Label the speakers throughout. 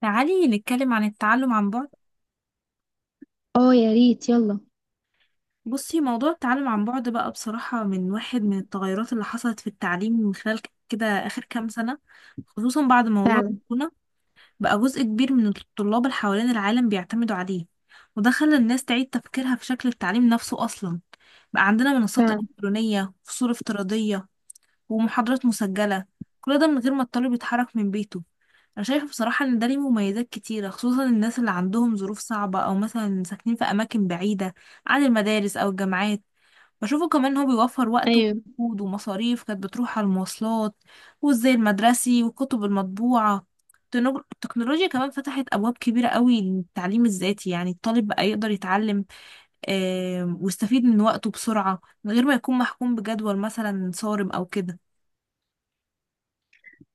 Speaker 1: تعالي نتكلم عن التعلم عن بعد.
Speaker 2: اه يا ريت يلا.
Speaker 1: بصي، موضوع التعلم عن بعد بقى بصراحة من واحد من التغيرات اللي حصلت في التعليم من خلال كده آخر كام سنة، خصوصا بعد موضوع
Speaker 2: فعلا.
Speaker 1: كورونا. بقى جزء كبير من الطلاب اللي حوالين العالم بيعتمدوا عليه، وده خلى الناس تعيد تفكيرها في شكل التعليم نفسه أصلا. بقى عندنا منصات
Speaker 2: فعلا.
Speaker 1: إلكترونية، فصول افتراضية، ومحاضرات مسجلة، كل ده من غير ما الطالب يتحرك من بيته. أنا شايفة بصراحة إن ده ليه مميزات كتيرة، خصوصا الناس اللي عندهم ظروف صعبة، أو مثلا ساكنين في أماكن بعيدة عن المدارس أو الجامعات. بشوفه كمان إن هو بيوفر وقت
Speaker 2: ايوه.
Speaker 1: ومجهود ومصاريف كانت بتروح على المواصلات والزي المدرسي والكتب المطبوعة. التكنولوجيا كمان فتحت أبواب كبيرة قوي للتعليم الذاتي، يعني الطالب بقى يقدر يتعلم ويستفيد من وقته بسرعة من غير ما يكون محكوم بجدول مثلا صارم أو كده.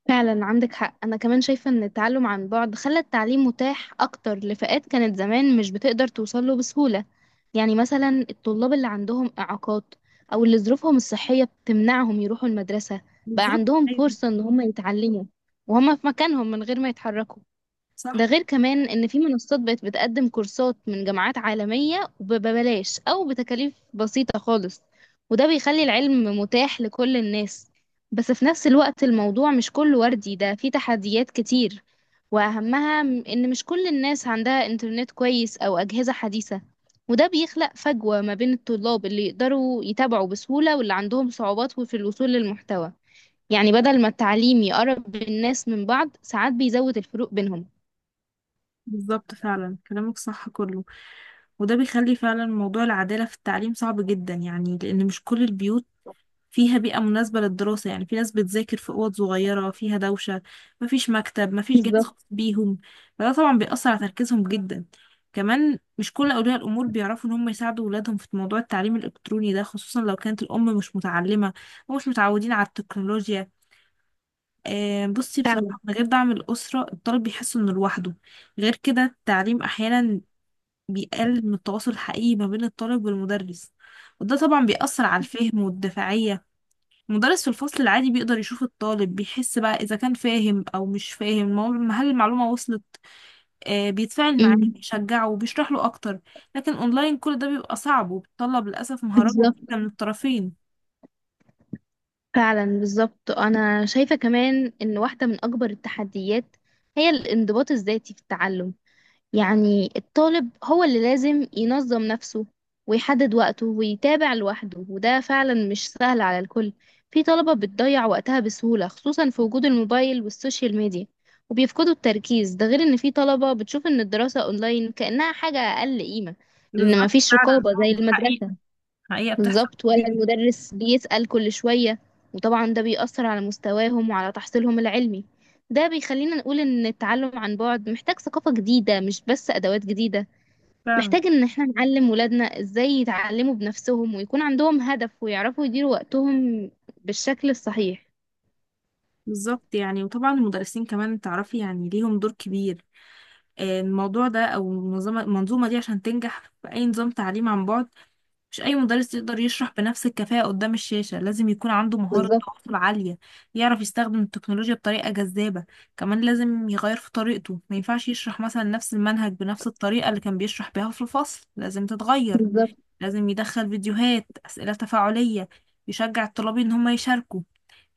Speaker 2: فعلا. عندك حق، انا كمان شايفه ان التعلم عن بعد خلى التعليم متاح اكتر لفئات كانت زمان مش بتقدر توصل له بسهوله. يعني مثلا الطلاب اللي عندهم اعاقات او اللي ظروفهم الصحيه بتمنعهم يروحوا المدرسه بقى
Speaker 1: بالظبط،
Speaker 2: عندهم
Speaker 1: ايوه.
Speaker 2: فرصه ان هم يتعلموا وهم في مكانهم من غير ما يتحركوا. ده
Speaker 1: صح.
Speaker 2: غير كمان ان في منصات بقت بتقدم كورسات من جامعات عالمية وببلاش او بتكاليف بسيطة خالص، وده بيخلي العلم متاح لكل الناس. بس في نفس الوقت الموضوع مش كله وردي، ده فيه تحديات كتير، واهمها ان مش كل الناس عندها انترنت كويس او اجهزة حديثة، وده بيخلق فجوة ما بين الطلاب اللي يقدروا يتابعوا بسهولة واللي عندهم صعوبات في الوصول للمحتوى. يعني بدل ما التعليم يقرب الناس من بعض ساعات بيزود الفروق بينهم.
Speaker 1: بالظبط، فعلا كلامك صح كله، وده بيخلي فعلا موضوع العدالة في التعليم صعب جدا، يعني لأن مش كل البيوت فيها بيئة مناسبة للدراسة. يعني في ناس بتذاكر في أوض صغيرة فيها دوشة، مفيش مكتب، مفيش جهاز
Speaker 2: بالظبط.
Speaker 1: خاص بيهم، فده طبعا بيأثر على تركيزهم جدا. كمان مش كل أولياء الأمور بيعرفوا إن هم يساعدوا ولادهم في موضوع التعليم الإلكتروني ده، خصوصا لو كانت الأم مش متعلمة ومش متعودين على التكنولوجيا. بصي،
Speaker 2: فعلا.
Speaker 1: بصراحة من غير دعم الأسرة الطالب بيحس إنه لوحده. غير كده التعليم أحيانا بيقلل من التواصل الحقيقي ما بين الطالب والمدرس، وده طبعا بيأثر على الفهم والدفاعية. المدرس في الفصل العادي بيقدر يشوف الطالب، بيحس بقى إذا كان فاهم أو مش فاهم، هل المعلومة وصلت، بيتفاعل معاه،
Speaker 2: امم.
Speaker 1: بيشجعه، وبيشرح له أكتر. لكن أونلاين كل ده بيبقى صعب، وبيتطلب للأسف مهارات
Speaker 2: بالظبط.
Speaker 1: كتيرة من الطرفين.
Speaker 2: فعلا. بالظبط، انا شايفه كمان ان واحده من اكبر التحديات هي الانضباط الذاتي في التعلم. يعني الطالب هو اللي لازم ينظم نفسه ويحدد وقته ويتابع لوحده، وده فعلا مش سهل على الكل. في طلبه بتضيع وقتها بسهوله خصوصا في وجود الموبايل والسوشيال ميديا وبيفقدوا التركيز. ده غير ان في طلبه بتشوف ان الدراسه اونلاين كانها حاجه اقل قيمه لان
Speaker 1: بالظبط.
Speaker 2: مفيش
Speaker 1: فعلا.
Speaker 2: رقابه زي المدرسه.
Speaker 1: حقيقة. بتحصل
Speaker 2: بالظبط. ولا
Speaker 1: كتير.
Speaker 2: المدرس بيسأل كل شوية. وطبعا ده بيأثر على مستواهم وعلى تحصيلهم العلمي. ده بيخلينا نقول إن التعلم عن بعد محتاج ثقافة جديدة مش بس أدوات جديدة.
Speaker 1: فعلا.
Speaker 2: محتاج إن احنا نعلم ولادنا إزاي يتعلموا بنفسهم ويكون عندهم هدف ويعرفوا يديروا وقتهم بالشكل الصحيح.
Speaker 1: بالظبط، يعني وطبعا المدرسين كمان، تعرفي، يعني ليهم دور كبير الموضوع ده، او المنظومه دي عشان تنجح في اي نظام تعليم عن بعد. مش اي مدرس يقدر يشرح بنفس الكفاءه قدام الشاشه، لازم يكون عنده مهاره
Speaker 2: بالظبط.
Speaker 1: تواصل عاليه، يعرف يستخدم التكنولوجيا بطريقه جذابه. كمان لازم يغير في طريقته، ما ينفعش يشرح مثلا نفس المنهج بنفس الطريقه اللي كان بيشرح بيها في الفصل، لازم تتغير.
Speaker 2: بالظبط.
Speaker 1: لازم يدخل فيديوهات، اسئله تفاعليه، يشجع الطلاب ان هم يشاركوا،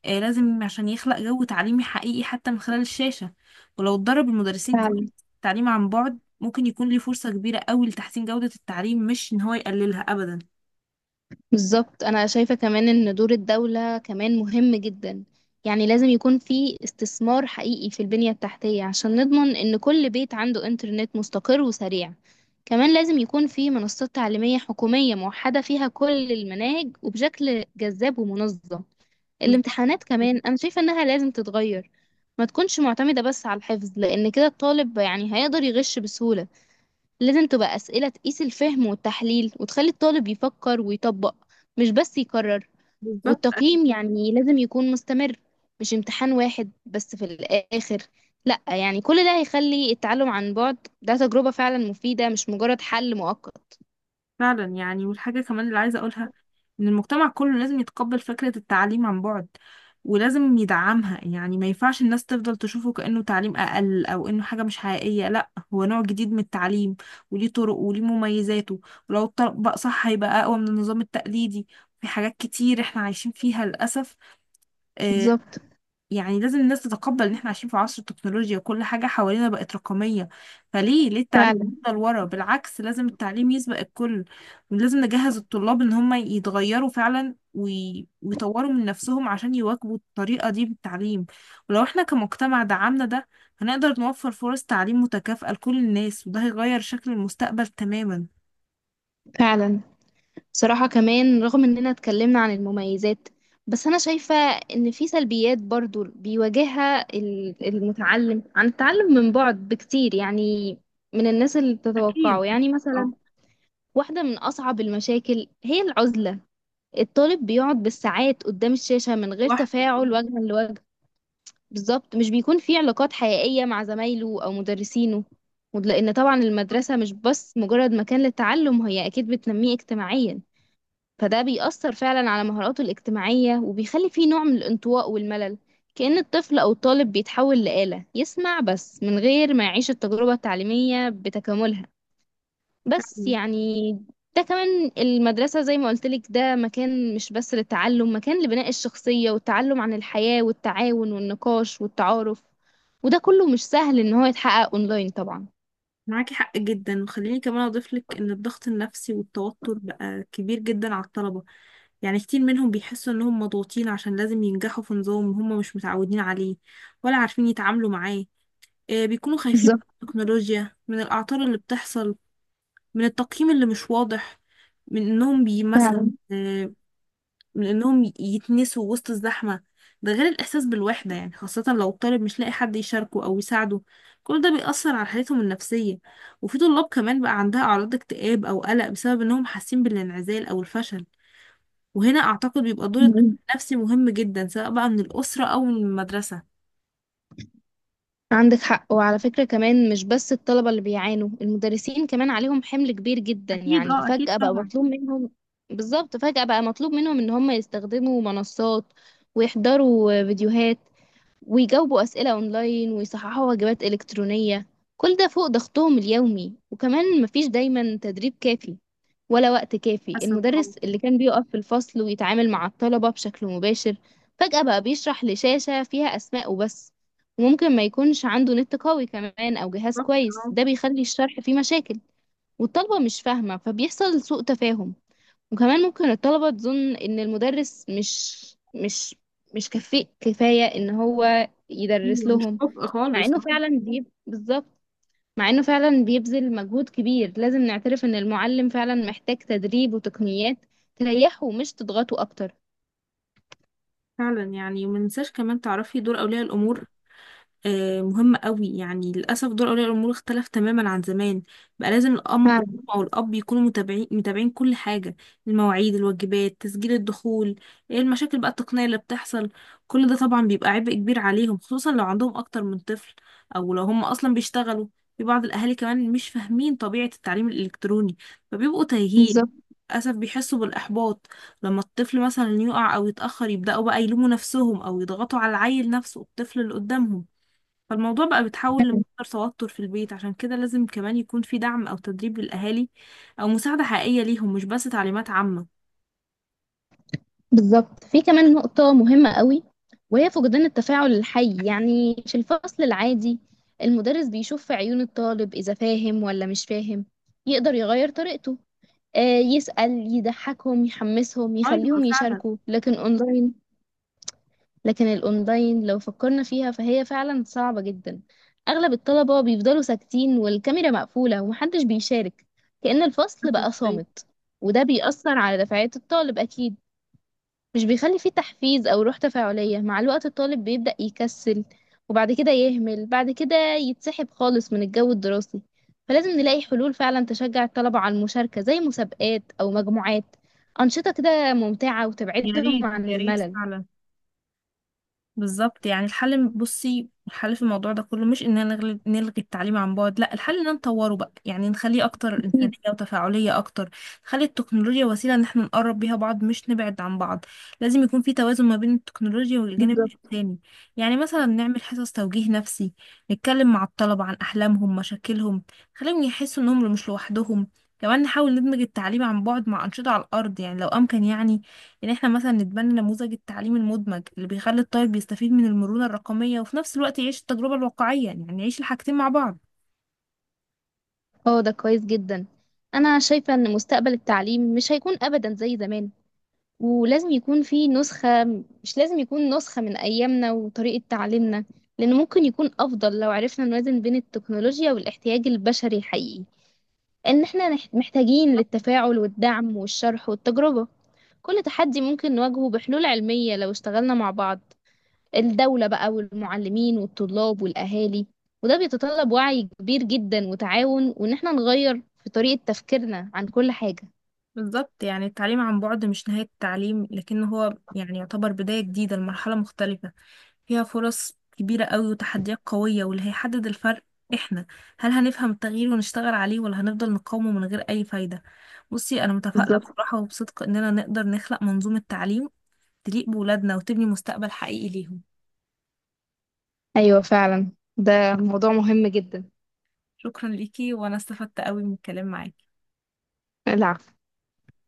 Speaker 1: لازم عشان يخلق جو تعليمي حقيقي حتى من خلال الشاشة. ولو اتدرب المدرسين كويس على التعليم عن بعد، ممكن يكون ليه فرصة كبيرة قوي لتحسين جودة التعليم، مش إن هو يقللها أبدا.
Speaker 2: بالظبط، انا شايفة كمان ان دور الدولة كمان مهم جدا. يعني لازم يكون في استثمار حقيقي في البنية التحتية عشان نضمن ان كل بيت عنده انترنت مستقر وسريع. كمان لازم يكون في منصات تعليمية حكومية موحدة فيها كل المناهج وبشكل جذاب ومنظم.
Speaker 1: بالظبط.
Speaker 2: الامتحانات كمان انا شايفة انها لازم تتغير، ما تكونش معتمدة بس على الحفظ، لان كده الطالب يعني هيقدر يغش بسهولة. لازم تبقى أسئلة تقيس الفهم والتحليل وتخلي الطالب يفكر ويطبق، مش بس يكرر.
Speaker 1: بالظبط،
Speaker 2: والتقييم يعني لازم يكون مستمر، مش امتحان واحد بس في الآخر. لأ يعني كل ده هيخلي التعلم عن بعد ده تجربة فعلا مفيدة، مش مجرد حل مؤقت.
Speaker 1: فعلا يعني. والحاجة كمان اللي عايزة أقولها إن المجتمع كله لازم يتقبل فكرة التعليم عن بعد، ولازم يدعمها. يعني ما ينفعش الناس تفضل تشوفه كأنه تعليم أقل، أو إنه حاجة مش حقيقية. لا، هو نوع جديد من التعليم، وليه طرق وليه مميزاته، ولو اتطبق صح هيبقى أقوى من النظام التقليدي في حاجات كتير إحنا عايشين فيها للأسف. آه،
Speaker 2: بالظبط.
Speaker 1: يعني لازم الناس تتقبل ان احنا عايشين في عصر التكنولوجيا، وكل حاجة حوالينا بقت رقمية، فليه التعليم
Speaker 2: فعلا.
Speaker 1: يفضل ورا؟ بالعكس، لازم التعليم يسبق الكل، ولازم نجهز الطلاب ان هم يتغيروا فعلا ويطوروا من نفسهم عشان يواكبوا الطريقة دي بالتعليم. ولو احنا كمجتمع دعمنا ده، هنقدر نوفر فرص تعليم متكافئة لكل الناس، وده هيغير شكل المستقبل تماما.
Speaker 2: فعلا. بصراحة كمان رغم اننا اتكلمنا عن المميزات، بس انا شايفة ان في سلبيات برضو بيواجهها المتعلم عن التعلم من بعد بكتير. يعني من الناس اللي
Speaker 1: أكيد.
Speaker 2: بتتوقعه. يعني مثلا
Speaker 1: اه.
Speaker 2: واحدة من اصعب المشاكل هي العزلة. الطالب بيقعد بالساعات قدام الشاشة من غير
Speaker 1: واحد.
Speaker 2: تفاعل وجها لوجه. بالظبط. مش بيكون في علاقات حقيقية مع زمايله او مدرسينه. ولأن طبعا المدرسة مش بس مجرد مكان للتعلم، هي اكيد بتنميه اجتماعيا، فده بيأثر فعلا على مهاراته الاجتماعية وبيخلي فيه نوع من الانطواء والملل. كأن الطفل أو الطالب بيتحول لآلة يسمع بس من غير ما يعيش التجربة التعليمية بتكاملها. بس يعني ده كمان المدرسة زي ما قلتلك ده مكان مش بس للتعلم، مكان لبناء الشخصية والتعلم عن الحياة والتعاون والنقاش والتعارف. وده كله مش سهل إن هو يتحقق أونلاين طبعا.
Speaker 1: معاكي حق جدا. وخليني كمان اضيف لك ان الضغط النفسي والتوتر بقى كبير جدا على الطلبة. يعني كتير منهم بيحسوا انهم مضغوطين عشان لازم ينجحوا في نظام هم مش متعودين عليه ولا عارفين يتعاملوا معاه. بيكونوا خايفين
Speaker 2: بالظبط.
Speaker 1: من التكنولوجيا، من الاعطال اللي بتحصل، من التقييم اللي مش واضح، من انهم بي مثلا آه، من انهم ي- يتنسوا وسط الزحمة. ده غير الاحساس بالوحدة، يعني خاصة لو الطالب مش لاقي حد يشاركه او يساعده، كل ده بيأثر على حالتهم النفسية. وفي طلاب كمان بقى عندها اعراض اكتئاب او قلق بسبب انهم حاسين بالانعزال او الفشل، وهنا اعتقد بيبقى دور الدكتور
Speaker 2: فعلا.
Speaker 1: النفسي مهم جدا، سواء بقى من الأسرة او من المدرسة.
Speaker 2: عندك حق. وعلى فكرة كمان مش بس الطلبة اللي بيعانوا، المدرسين كمان عليهم حمل كبير جدا.
Speaker 1: أكيد.
Speaker 2: يعني
Speaker 1: اه، أكيد
Speaker 2: فجأة بقى
Speaker 1: طبعا.
Speaker 2: مطلوب منهم. بالظبط. فجأة بقى مطلوب منهم ان هم يستخدموا منصات ويحضروا فيديوهات ويجاوبوا أسئلة أونلاين ويصححوا واجبات إلكترونية. كل ده فوق ضغطهم اليومي، وكمان مفيش دايما تدريب كافي ولا وقت كافي.
Speaker 1: حسب. اه.
Speaker 2: المدرس اللي كان بيقف في الفصل ويتعامل مع الطلبة بشكل مباشر فجأة بقى بيشرح لشاشة فيها أسماء وبس. وممكن ما يكونش عنده نت قوي كمان أو جهاز
Speaker 1: بالظبط،
Speaker 2: كويس.
Speaker 1: اه.
Speaker 2: ده بيخلي الشرح فيه مشاكل والطلبة مش فاهمة، فبيحصل سوء تفاهم. وكمان ممكن الطلبة تظن إن المدرس مش مش كفء كفاية إن هو يدرس
Speaker 1: أيوة، مش
Speaker 2: لهم.
Speaker 1: كفء
Speaker 2: مع
Speaker 1: خالص.
Speaker 2: إنه
Speaker 1: اه.
Speaker 2: فعلا بالظبط. مع إنه فعلا بيبذل مجهود كبير، لازم نعترف إن المعلم فعلا محتاج تدريب وتقنيات تريحه مش تضغطه أكتر.
Speaker 1: فعلا يعني، ومننساش كمان تعرفي دور أولياء الأمور مهمة قوي. يعني للأسف دور أولياء الأمور اختلف تماما عن زمان، بقى لازم الأم
Speaker 2: فعلا.
Speaker 1: أو الأب يكونوا متابعين كل حاجة، المواعيد، الواجبات، تسجيل الدخول، إيه المشاكل بقى التقنية اللي بتحصل. كل ده طبعا بيبقى عبء كبير عليهم، خصوصا لو عندهم أكتر من طفل، أو لو هم أصلا بيشتغلوا. في بعض الأهالي كمان مش فاهمين طبيعة التعليم الإلكتروني، فبيبقوا تايهين،
Speaker 2: بالظبط.
Speaker 1: للأسف بيحسوا بالإحباط. لما الطفل مثلا يقع أو يتأخر، يبدأوا بقى يلوموا نفسهم، أو يضغطوا على العيل نفسه، الطفل اللي قدامهم. فالموضوع بقى بيتحول لمصدر توتر في البيت. عشان كده لازم كمان يكون في دعم أو تدريب للأهالي، أو مساعدة حقيقية ليهم، مش بس تعليمات عامة.
Speaker 2: بالظبط، في كمان نقطة مهمة قوي وهي فقدان التفاعل الحي. يعني في الفصل العادي المدرس بيشوف في عيون الطالب إذا فاهم ولا مش فاهم، يقدر يغير طريقته، يسأل، يضحكهم، يحمسهم،
Speaker 1: أيوة،
Speaker 2: يخليهم
Speaker 1: فعلا.
Speaker 2: يشاركوا. لكن اونلاين، لكن الاونلاين لو فكرنا فيها فهي فعلا صعبة جدا. اغلب الطلبة بيفضلوا ساكتين والكاميرا مقفولة ومحدش بيشارك، كأن الفصل
Speaker 1: للأسف،
Speaker 2: بقى
Speaker 1: أيوة.
Speaker 2: صامت. وده بيأثر على دفعات الطالب اكيد. مش بيخلي فيه تحفيز أو روح تفاعلية. مع الوقت الطالب بيبدأ يكسل، وبعد كده يهمل، بعد كده يتسحب خالص من الجو الدراسي. فلازم نلاقي حلول فعلا تشجع الطلبة على المشاركة زي مسابقات أو مجموعات، أنشطة كده ممتعة
Speaker 1: يا
Speaker 2: وتبعدهم
Speaker 1: ريت،
Speaker 2: عن
Speaker 1: يا ريت
Speaker 2: الملل.
Speaker 1: فعلا. بالظبط، يعني الحل، بصي، الحل في الموضوع ده كله مش اننا نلغي التعليم عن بعد، لا، الحل ان نطوره بقى، يعني نخليه اكتر انسانية
Speaker 2: أكيد.
Speaker 1: وتفاعلية اكتر. نخلي التكنولوجيا وسيلة ان احنا نقرب بيها بعض، مش نبعد عن بعض. لازم يكون في توازن ما بين التكنولوجيا والجانب
Speaker 2: بالظبط.
Speaker 1: الانساني، يعني مثلا نعمل حصص توجيه نفسي، نتكلم مع الطلبة عن احلامهم، مشاكلهم، نخليهم يحسوا انهم مش لوحدهم. كمان نحاول ندمج التعليم عن بعد مع أنشطة على الأرض يعني، لو أمكن يعني. يعني احنا مثلا نتبنى نموذج التعليم المدمج اللي بيخلي الطالب يستفيد من المرونة الرقمية، وفي نفس الوقت يعيش التجربة الواقعية، يعني يعيش الحاجتين مع بعض.
Speaker 2: اه ده كويس جدا. أنا شايفة إن مستقبل التعليم مش هيكون أبدا زي زمان. ولازم يكون في نسخة، مش لازم يكون نسخة من أيامنا وطريقة تعليمنا، لأن ممكن يكون أفضل لو عرفنا نوازن بين التكنولوجيا والاحتياج البشري الحقيقي. لأن احنا محتاجين للتفاعل والدعم والشرح والتجربة. كل تحدي ممكن نواجهه بحلول علمية لو اشتغلنا مع بعض، الدولة بقى والمعلمين والطلاب والأهالي. وده بيتطلب وعي كبير جدا وتعاون، وإن احنا نغير في طريقة تفكيرنا عن كل حاجة.
Speaker 1: بالظبط، يعني التعليم عن بعد مش نهاية التعليم، لكن هو يعني يعتبر بداية جديدة لمرحلة مختلفة، فيها فرص كبيرة قوي وتحديات قوية، واللي هيحدد الفرق احنا، هل هنفهم التغيير ونشتغل عليه، ولا هنفضل نقاومه من غير أي فايدة؟ بصي، أنا متفائلة
Speaker 2: بالظبط.
Speaker 1: بصراحة وبصدق إننا نقدر نخلق منظومة تعليم تليق بولادنا وتبني مستقبل حقيقي ليهم.
Speaker 2: أيوة فعلا. ده موضوع مهم جدا.
Speaker 1: شكرا ليكي، وانا استفدت قوي من الكلام معاكي.
Speaker 2: العفو.